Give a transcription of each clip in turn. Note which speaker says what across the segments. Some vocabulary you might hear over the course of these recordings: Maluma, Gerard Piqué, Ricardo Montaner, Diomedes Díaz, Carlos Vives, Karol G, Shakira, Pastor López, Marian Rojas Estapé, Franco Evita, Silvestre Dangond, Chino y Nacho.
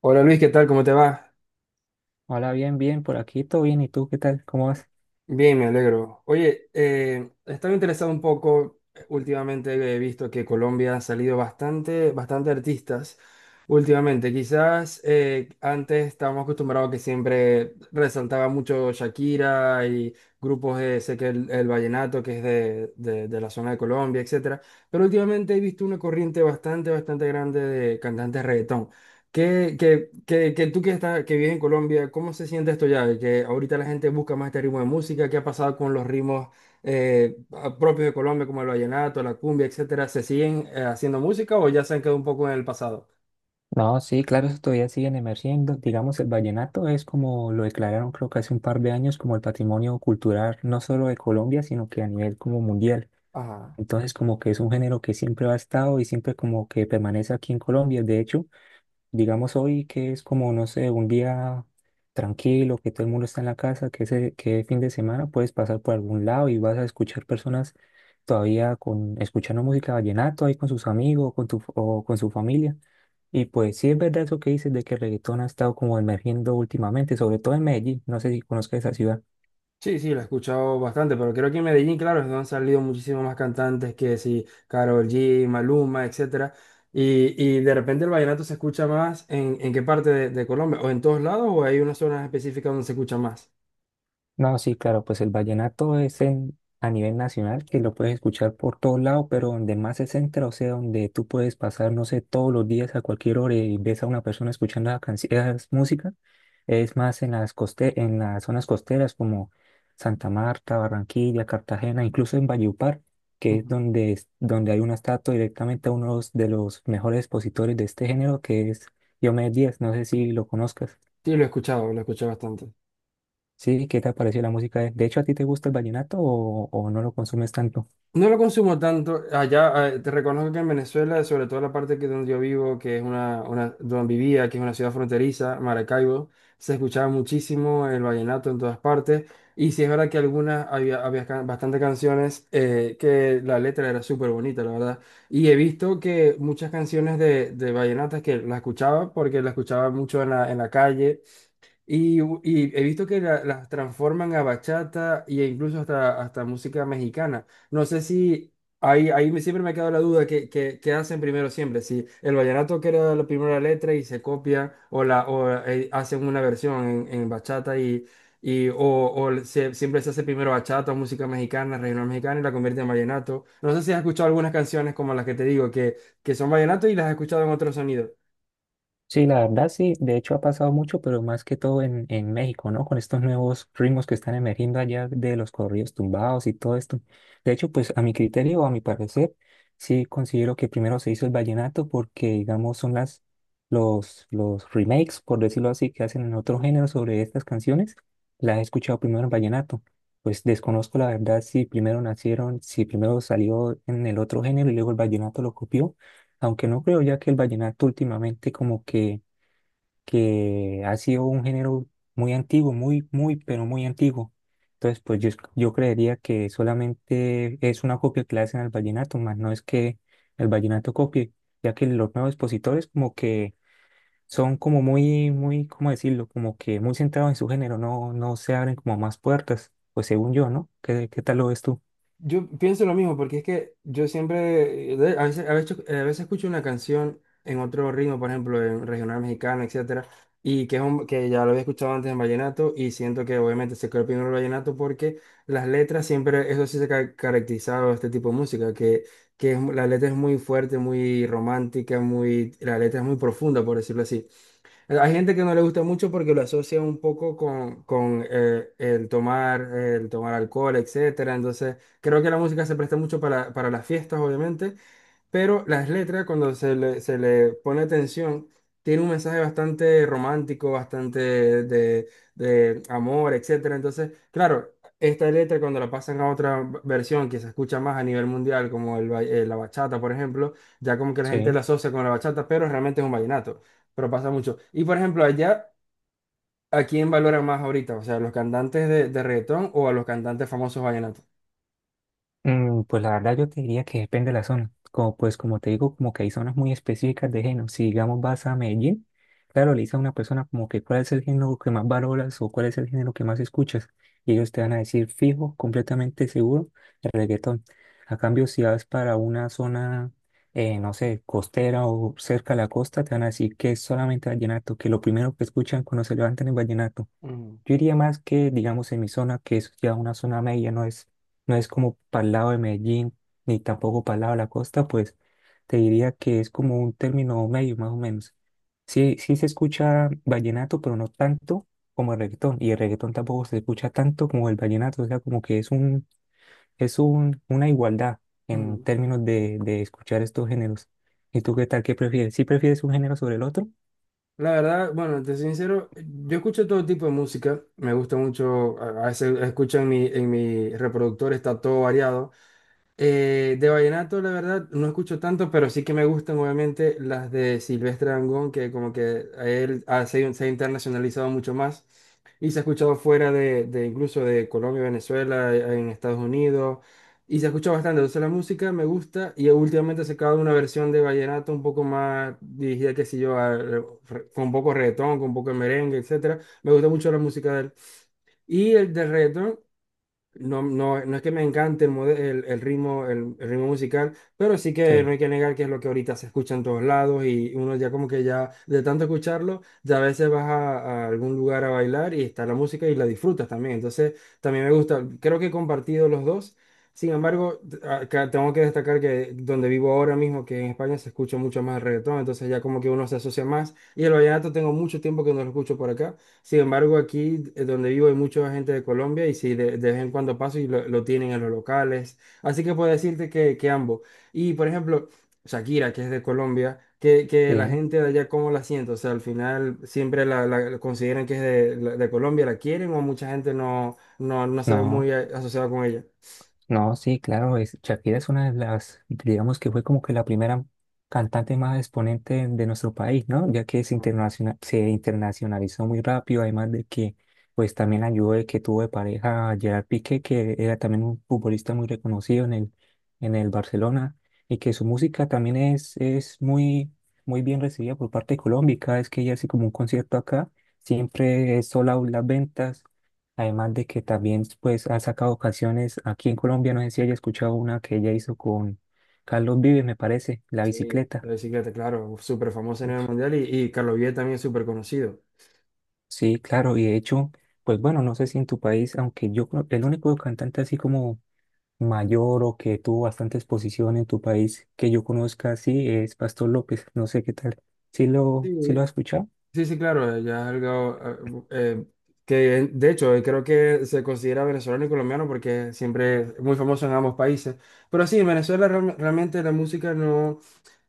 Speaker 1: Hola Luis, ¿qué tal? ¿Cómo te va?
Speaker 2: Hola, bien, bien, por aquí todo bien. ¿Y tú qué tal? ¿Cómo vas?
Speaker 1: Bien, me alegro. Oye, estaba interesado un poco, últimamente he visto que Colombia ha salido bastante artistas últimamente. Quizás antes estábamos acostumbrados que siempre resaltaba mucho Shakira y grupos de, sé que el vallenato que es de la zona de Colombia, etcétera. Pero últimamente he visto una corriente bastante grande de cantantes reggaetón. Que tú que vives en Colombia, ¿cómo se siente esto ya? De que ahorita la gente busca más este ritmo de música, ¿qué ha pasado con los ritmos propios de Colombia, como el vallenato, la cumbia, etcétera? ¿Se siguen haciendo música o ya se han quedado un poco en el pasado?
Speaker 2: No, sí, claro, eso todavía siguen emergiendo. Digamos, el vallenato es como lo declararon, creo que hace un par de años, como el patrimonio cultural no solo de Colombia, sino que a nivel como mundial.
Speaker 1: Ajá.
Speaker 2: Entonces, como que es un género que siempre ha estado y siempre como que permanece aquí en Colombia. De hecho, digamos hoy que es como, no sé, un día tranquilo, que todo el mundo está en la casa, que ese, que fin de semana puedes pasar por algún lado y vas a escuchar personas todavía con, escuchando música vallenato ahí con sus amigos con tu, o con su familia. Y pues sí es verdad eso que dices de que el reggaetón ha estado como emergiendo últimamente, sobre todo en Medellín. No sé si conozcas esa ciudad.
Speaker 1: Sí, sí, lo he escuchado bastante, pero creo que en Medellín, claro, es donde han salido muchísimos más cantantes que sí, Karol G, Maluma, etcétera. Y de repente el vallenato se escucha más en qué parte de Colombia, o en todos lados, o hay unas zonas específicas donde se escucha más.
Speaker 2: No, sí, claro, pues el vallenato es en- a nivel nacional, que lo puedes escuchar por todos lados, pero donde más se centra, o sea, donde tú puedes pasar, no sé, todos los días a cualquier hora y ves a una persona escuchando la canci- esas música, es más en las coste- en las zonas costeras como Santa Marta, Barranquilla, Cartagena, incluso en Valledupar, que es- donde hay una estatua directamente a uno de los mejores expositores de este género, que es Diomedes Díaz, no sé si lo conozcas.
Speaker 1: Sí, lo he escuchado, lo escuché bastante.
Speaker 2: Sí, ¿qué te ha parecido la música? De hecho, ¿a ti te gusta el vallenato o no lo consumes tanto?
Speaker 1: No lo consumo tanto. Allá, te reconozco que en Venezuela, sobre todo la parte que donde yo vivo, que es donde vivía, que es una ciudad fronteriza, Maracaibo, se escuchaba muchísimo el vallenato en todas partes. Y sí es verdad que algunas, había bastante canciones que la letra era súper bonita, la verdad. Y he visto que muchas canciones de vallenatas que las escuchaba, porque las escuchaba mucho en en la calle. Y he visto que las transforman a bachata e incluso hasta música mexicana. No sé si ahí siempre me ha quedado la duda que hacen primero siempre. Si el vallenato queda la primera letra y se copia o hacen una versión en bachata y, siempre se hace primero bachata o música mexicana, regional mexicana y la convierte en vallenato. No sé si has escuchado algunas canciones como las que te digo que son vallenato y las has escuchado en otros sonidos.
Speaker 2: Sí, la verdad sí, de hecho ha pasado mucho, pero más que todo en México, ¿no? Con estos nuevos ritmos que están emergiendo allá de los corridos tumbados y todo esto. De hecho, pues a mi criterio o a mi parecer, sí considero que primero se hizo el vallenato porque, digamos, son las, los remakes, por decirlo así, que hacen en otro género sobre estas canciones. Las he escuchado primero en vallenato. Pues desconozco la verdad si primero nacieron, si primero salió en el otro género y luego el vallenato lo copió, aunque no creo, ya que el vallenato últimamente como que ha sido un género muy antiguo, muy, muy, pero muy antiguo. Entonces, pues yo creería que solamente es una copia que le hacen al vallenato, más no es que el vallenato copie, ya que los nuevos expositores como que son como muy, muy, ¿cómo decirlo? Como que muy centrados en su género, no, no se abren como más puertas, pues según yo, ¿no? ¿Qué, qué tal lo ves tú?
Speaker 1: Yo pienso lo mismo, porque es que yo siempre, a a veces escucho una canción en otro ritmo, por ejemplo, en regional mexicano, etcétera, y que es que ya lo había escuchado antes en vallenato, y siento que obviamente se quedó primero el vallenato porque las letras siempre, eso sí se ha caracterizado a este tipo de música, que es la letra es muy fuerte, muy romántica, muy, la letra es muy profunda, por decirlo así. Hay gente que no le gusta mucho porque lo asocia un poco con el tomar alcohol, etcétera. Entonces, creo que la música se presta mucho para las fiestas, obviamente, pero las letras, cuando se le pone atención, tiene un mensaje bastante romántico, bastante de, de amor, etcétera. Entonces, claro, esta letra cuando la pasan a otra versión que se escucha más a nivel mundial, como la bachata, por ejemplo, ya como que la gente la
Speaker 2: Sí.
Speaker 1: asocia con la bachata, pero realmente es un vallenato, pero pasa mucho. Y por ejemplo, allá, ¿a quién valoran más ahorita? O sea, ¿a los cantantes de reggaetón o a los cantantes famosos vallenatos?
Speaker 2: Pues la verdad yo te diría que depende de la zona. Como pues como te digo, como que hay zonas muy específicas de género. Si digamos vas a Medellín, claro, le dices a una persona como que cuál es el género que más valoras o cuál es el género que más escuchas. Y ellos te van a decir fijo, completamente seguro, el reggaetón. A cambio, si vas para una zona, no sé, costera o cerca de la costa, te van a decir que es solamente vallenato, que lo primero que escuchan cuando se levantan es vallenato.
Speaker 1: Mm.
Speaker 2: Yo diría más que, digamos, en mi zona, que es ya una zona media, no es, no es como para el lado de Medellín, ni tampoco para el lado de la costa, pues te diría que es como un término medio, más o menos. Sí, sí se escucha vallenato, pero no tanto como el reggaetón, y el reggaetón tampoco se escucha tanto como el vallenato, o sea, como que es un, una igualdad en términos de escuchar estos géneros. ¿Y tú qué tal? ¿Qué prefieres? ¿Sí prefieres un género sobre el otro?
Speaker 1: La verdad, bueno, te soy sincero, yo escucho todo tipo de música, me gusta mucho, a veces escucho en en mi reproductor, está todo variado. De vallenato, la verdad, no escucho tanto, pero sí que me gustan obviamente las de Silvestre Dangond, que como que a él se ha internacionalizado mucho más. Y se ha escuchado fuera de incluso de Colombia, Venezuela, en Estados Unidos. Y se escucha bastante. Entonces la música me gusta y últimamente se acaba una versión de vallenato un poco más dirigida, qué sé yo, con un poco de reggaetón, con un poco de merengue, etcétera. Me gusta mucho la música de él. Y el de reggaetón. No, no es que me encante el ritmo, el ritmo musical, pero sí que
Speaker 2: Sí.
Speaker 1: no hay que negar que es lo que ahorita se escucha en todos lados y uno ya como que ya de tanto escucharlo, ya a veces vas a algún lugar a bailar y está la música y la disfrutas también. Entonces, también me gusta, creo que he compartido los dos. Sin embargo, acá tengo que destacar que donde vivo ahora mismo, que en España se escucha mucho más el reggaetón, entonces ya como que uno se asocia más. Y el vallenato tengo mucho tiempo que no lo escucho por acá. Sin embargo, aquí donde vivo hay mucha gente de Colombia y sí, de vez en cuando paso y lo tienen en los locales. Así que puedo decirte que ambos. Y por ejemplo, Shakira, que es de Colombia, que la
Speaker 2: Sí,
Speaker 1: gente de allá, ¿cómo la siente? O sea, al final siempre la consideran que es de Colombia, ¿la quieren o mucha gente no se ve
Speaker 2: no.
Speaker 1: muy asociada con ella?
Speaker 2: No, sí, claro, es- Shakira es una de las, digamos que fue como que la primera cantante más exponente de nuestro país, ¿no? Ya que se
Speaker 1: Ujú.
Speaker 2: internaciona- se internacionalizó muy rápido, además de que pues también ayudó de que tuvo de pareja a Gerard Piqué, que era también un futbolista muy reconocido en el Barcelona, y que su música también es muy, muy bien recibida por parte de Colombia, y cada vez que ella hace como un concierto acá, siempre es sold out las ventas. Además de que también pues ha sacado canciones aquí en Colombia, no sé si haya escuchado una que ella hizo con Carlos Vives, me parece, La
Speaker 1: Sí,
Speaker 2: bicicleta.
Speaker 1: la bicicleta, claro, súper famosa a nivel
Speaker 2: Uf,
Speaker 1: mundial y Carlos Vives también es súper conocido.
Speaker 2: sí, claro, y de hecho, pues bueno, no sé si en tu país, aunque yo creo que el único cantante así como mayor o que tuvo bastante exposición en tu país que yo conozca así es Pastor López, no sé qué tal. Sí lo
Speaker 1: Sí,
Speaker 2: has escuchado?
Speaker 1: sí, sí, claro, ya es algo eh, eh, que de hecho creo que se considera venezolano y colombiano porque siempre es muy famoso en ambos países. Pero sí, en Venezuela realmente la música no,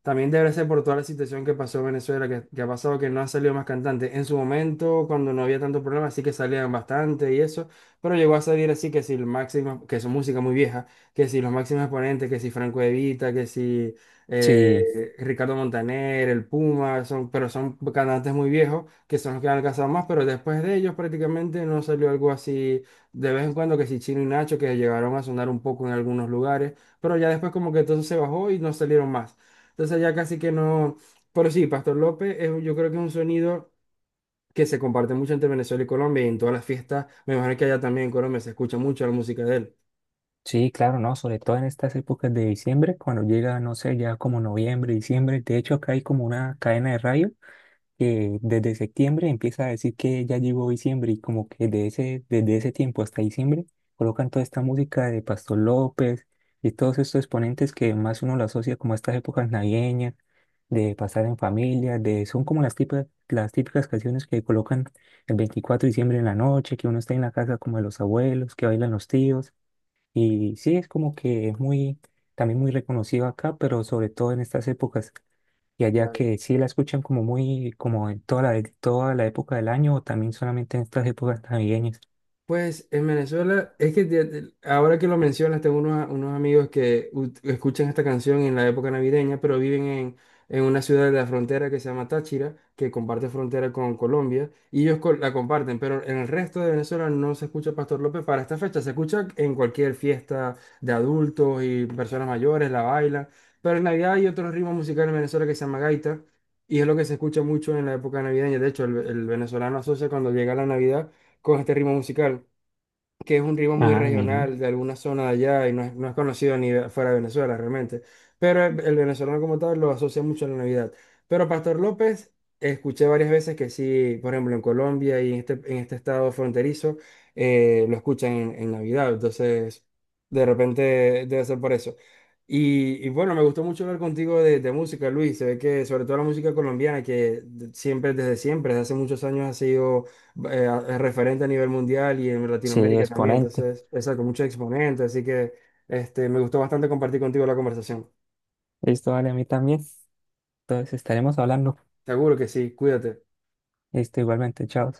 Speaker 1: también debe ser por toda la situación que pasó en Venezuela, que ha pasado que no han salido más cantantes. En su momento, cuando no había tanto problema, sí que salían bastante y eso, pero llegó a salir así que si el máximo, que es música muy vieja, que si los máximos exponentes, que si Franco Evita, que si
Speaker 2: Sí,
Speaker 1: Ricardo Montaner, el Puma, son, pero son cantantes muy viejos, que son los que han alcanzado más, pero después de ellos prácticamente no salió algo así de vez en cuando, que si Chino y Nacho, que llegaron a sonar un poco en algunos lugares, pero ya después como que todo se bajó y no salieron más. Entonces ya casi que no. Pero sí, Pastor López, es, yo creo que es un sonido que se comparte mucho entre Venezuela y Colombia y en todas las fiestas. Me imagino que allá también en Colombia se escucha mucho la música de él.
Speaker 2: sí, claro, no, sobre todo en estas épocas de diciembre, cuando llega, no sé, ya como noviembre, diciembre, de hecho acá hay como una cadena de radio que desde septiembre empieza a decir que ya llegó diciembre y como que de ese, desde ese tiempo hasta diciembre colocan toda esta música de Pastor López y todos estos exponentes que más uno lo asocia como a estas épocas navideñas, de pasar en familia, de, son como las típicas canciones que colocan el 24 de diciembre en la noche, que uno está en la casa como de los abuelos, que bailan los tíos y sí, es como que es muy, también muy reconocido acá, pero sobre todo en estas épocas. Y allá, que sí la escuchan como muy, como en toda la época del año o también solamente en estas épocas navideñas?
Speaker 1: Pues en Venezuela, es que ahora que lo mencionas, tengo unos amigos que escuchan esta canción en la época navideña, pero viven en una ciudad de la frontera que se llama Táchira, que comparte frontera con Colombia, y ellos la comparten, pero en el resto de Venezuela no se escucha Pastor López para esta fecha, se escucha en cualquier fiesta de adultos y personas mayores, la bailan, pero en Navidad hay otro ritmo musical en Venezuela que se llama gaita, y es lo que se escucha mucho en la época navideña, de hecho el venezolano asocia cuando llega la Navidad con este ritmo musical, que es un ritmo muy
Speaker 2: Ah, mira.
Speaker 1: regional de alguna zona de allá y no es, no es conocido ni fuera de Venezuela realmente. Pero el venezolano como tal lo asocia mucho a la Navidad. Pero Pastor López, escuché varias veces que sí, por ejemplo, en Colombia y en este estado fronterizo, lo escuchan en Navidad. Entonces, de repente debe ser por eso. Y bueno, me gustó mucho hablar contigo de música, Luis. Se ve que sobre todo la música colombiana, que siempre, desde hace muchos años ha sido es referente a nivel mundial y en
Speaker 2: Sí,
Speaker 1: Latinoamérica también.
Speaker 2: exponente.
Speaker 1: Entonces, esa con muchos exponentes. Así que este, me gustó bastante compartir contigo la conversación.
Speaker 2: Listo, vale, a mí también. Entonces estaremos hablando.
Speaker 1: Seguro que sí, cuídate.
Speaker 2: Listo, igualmente, chao.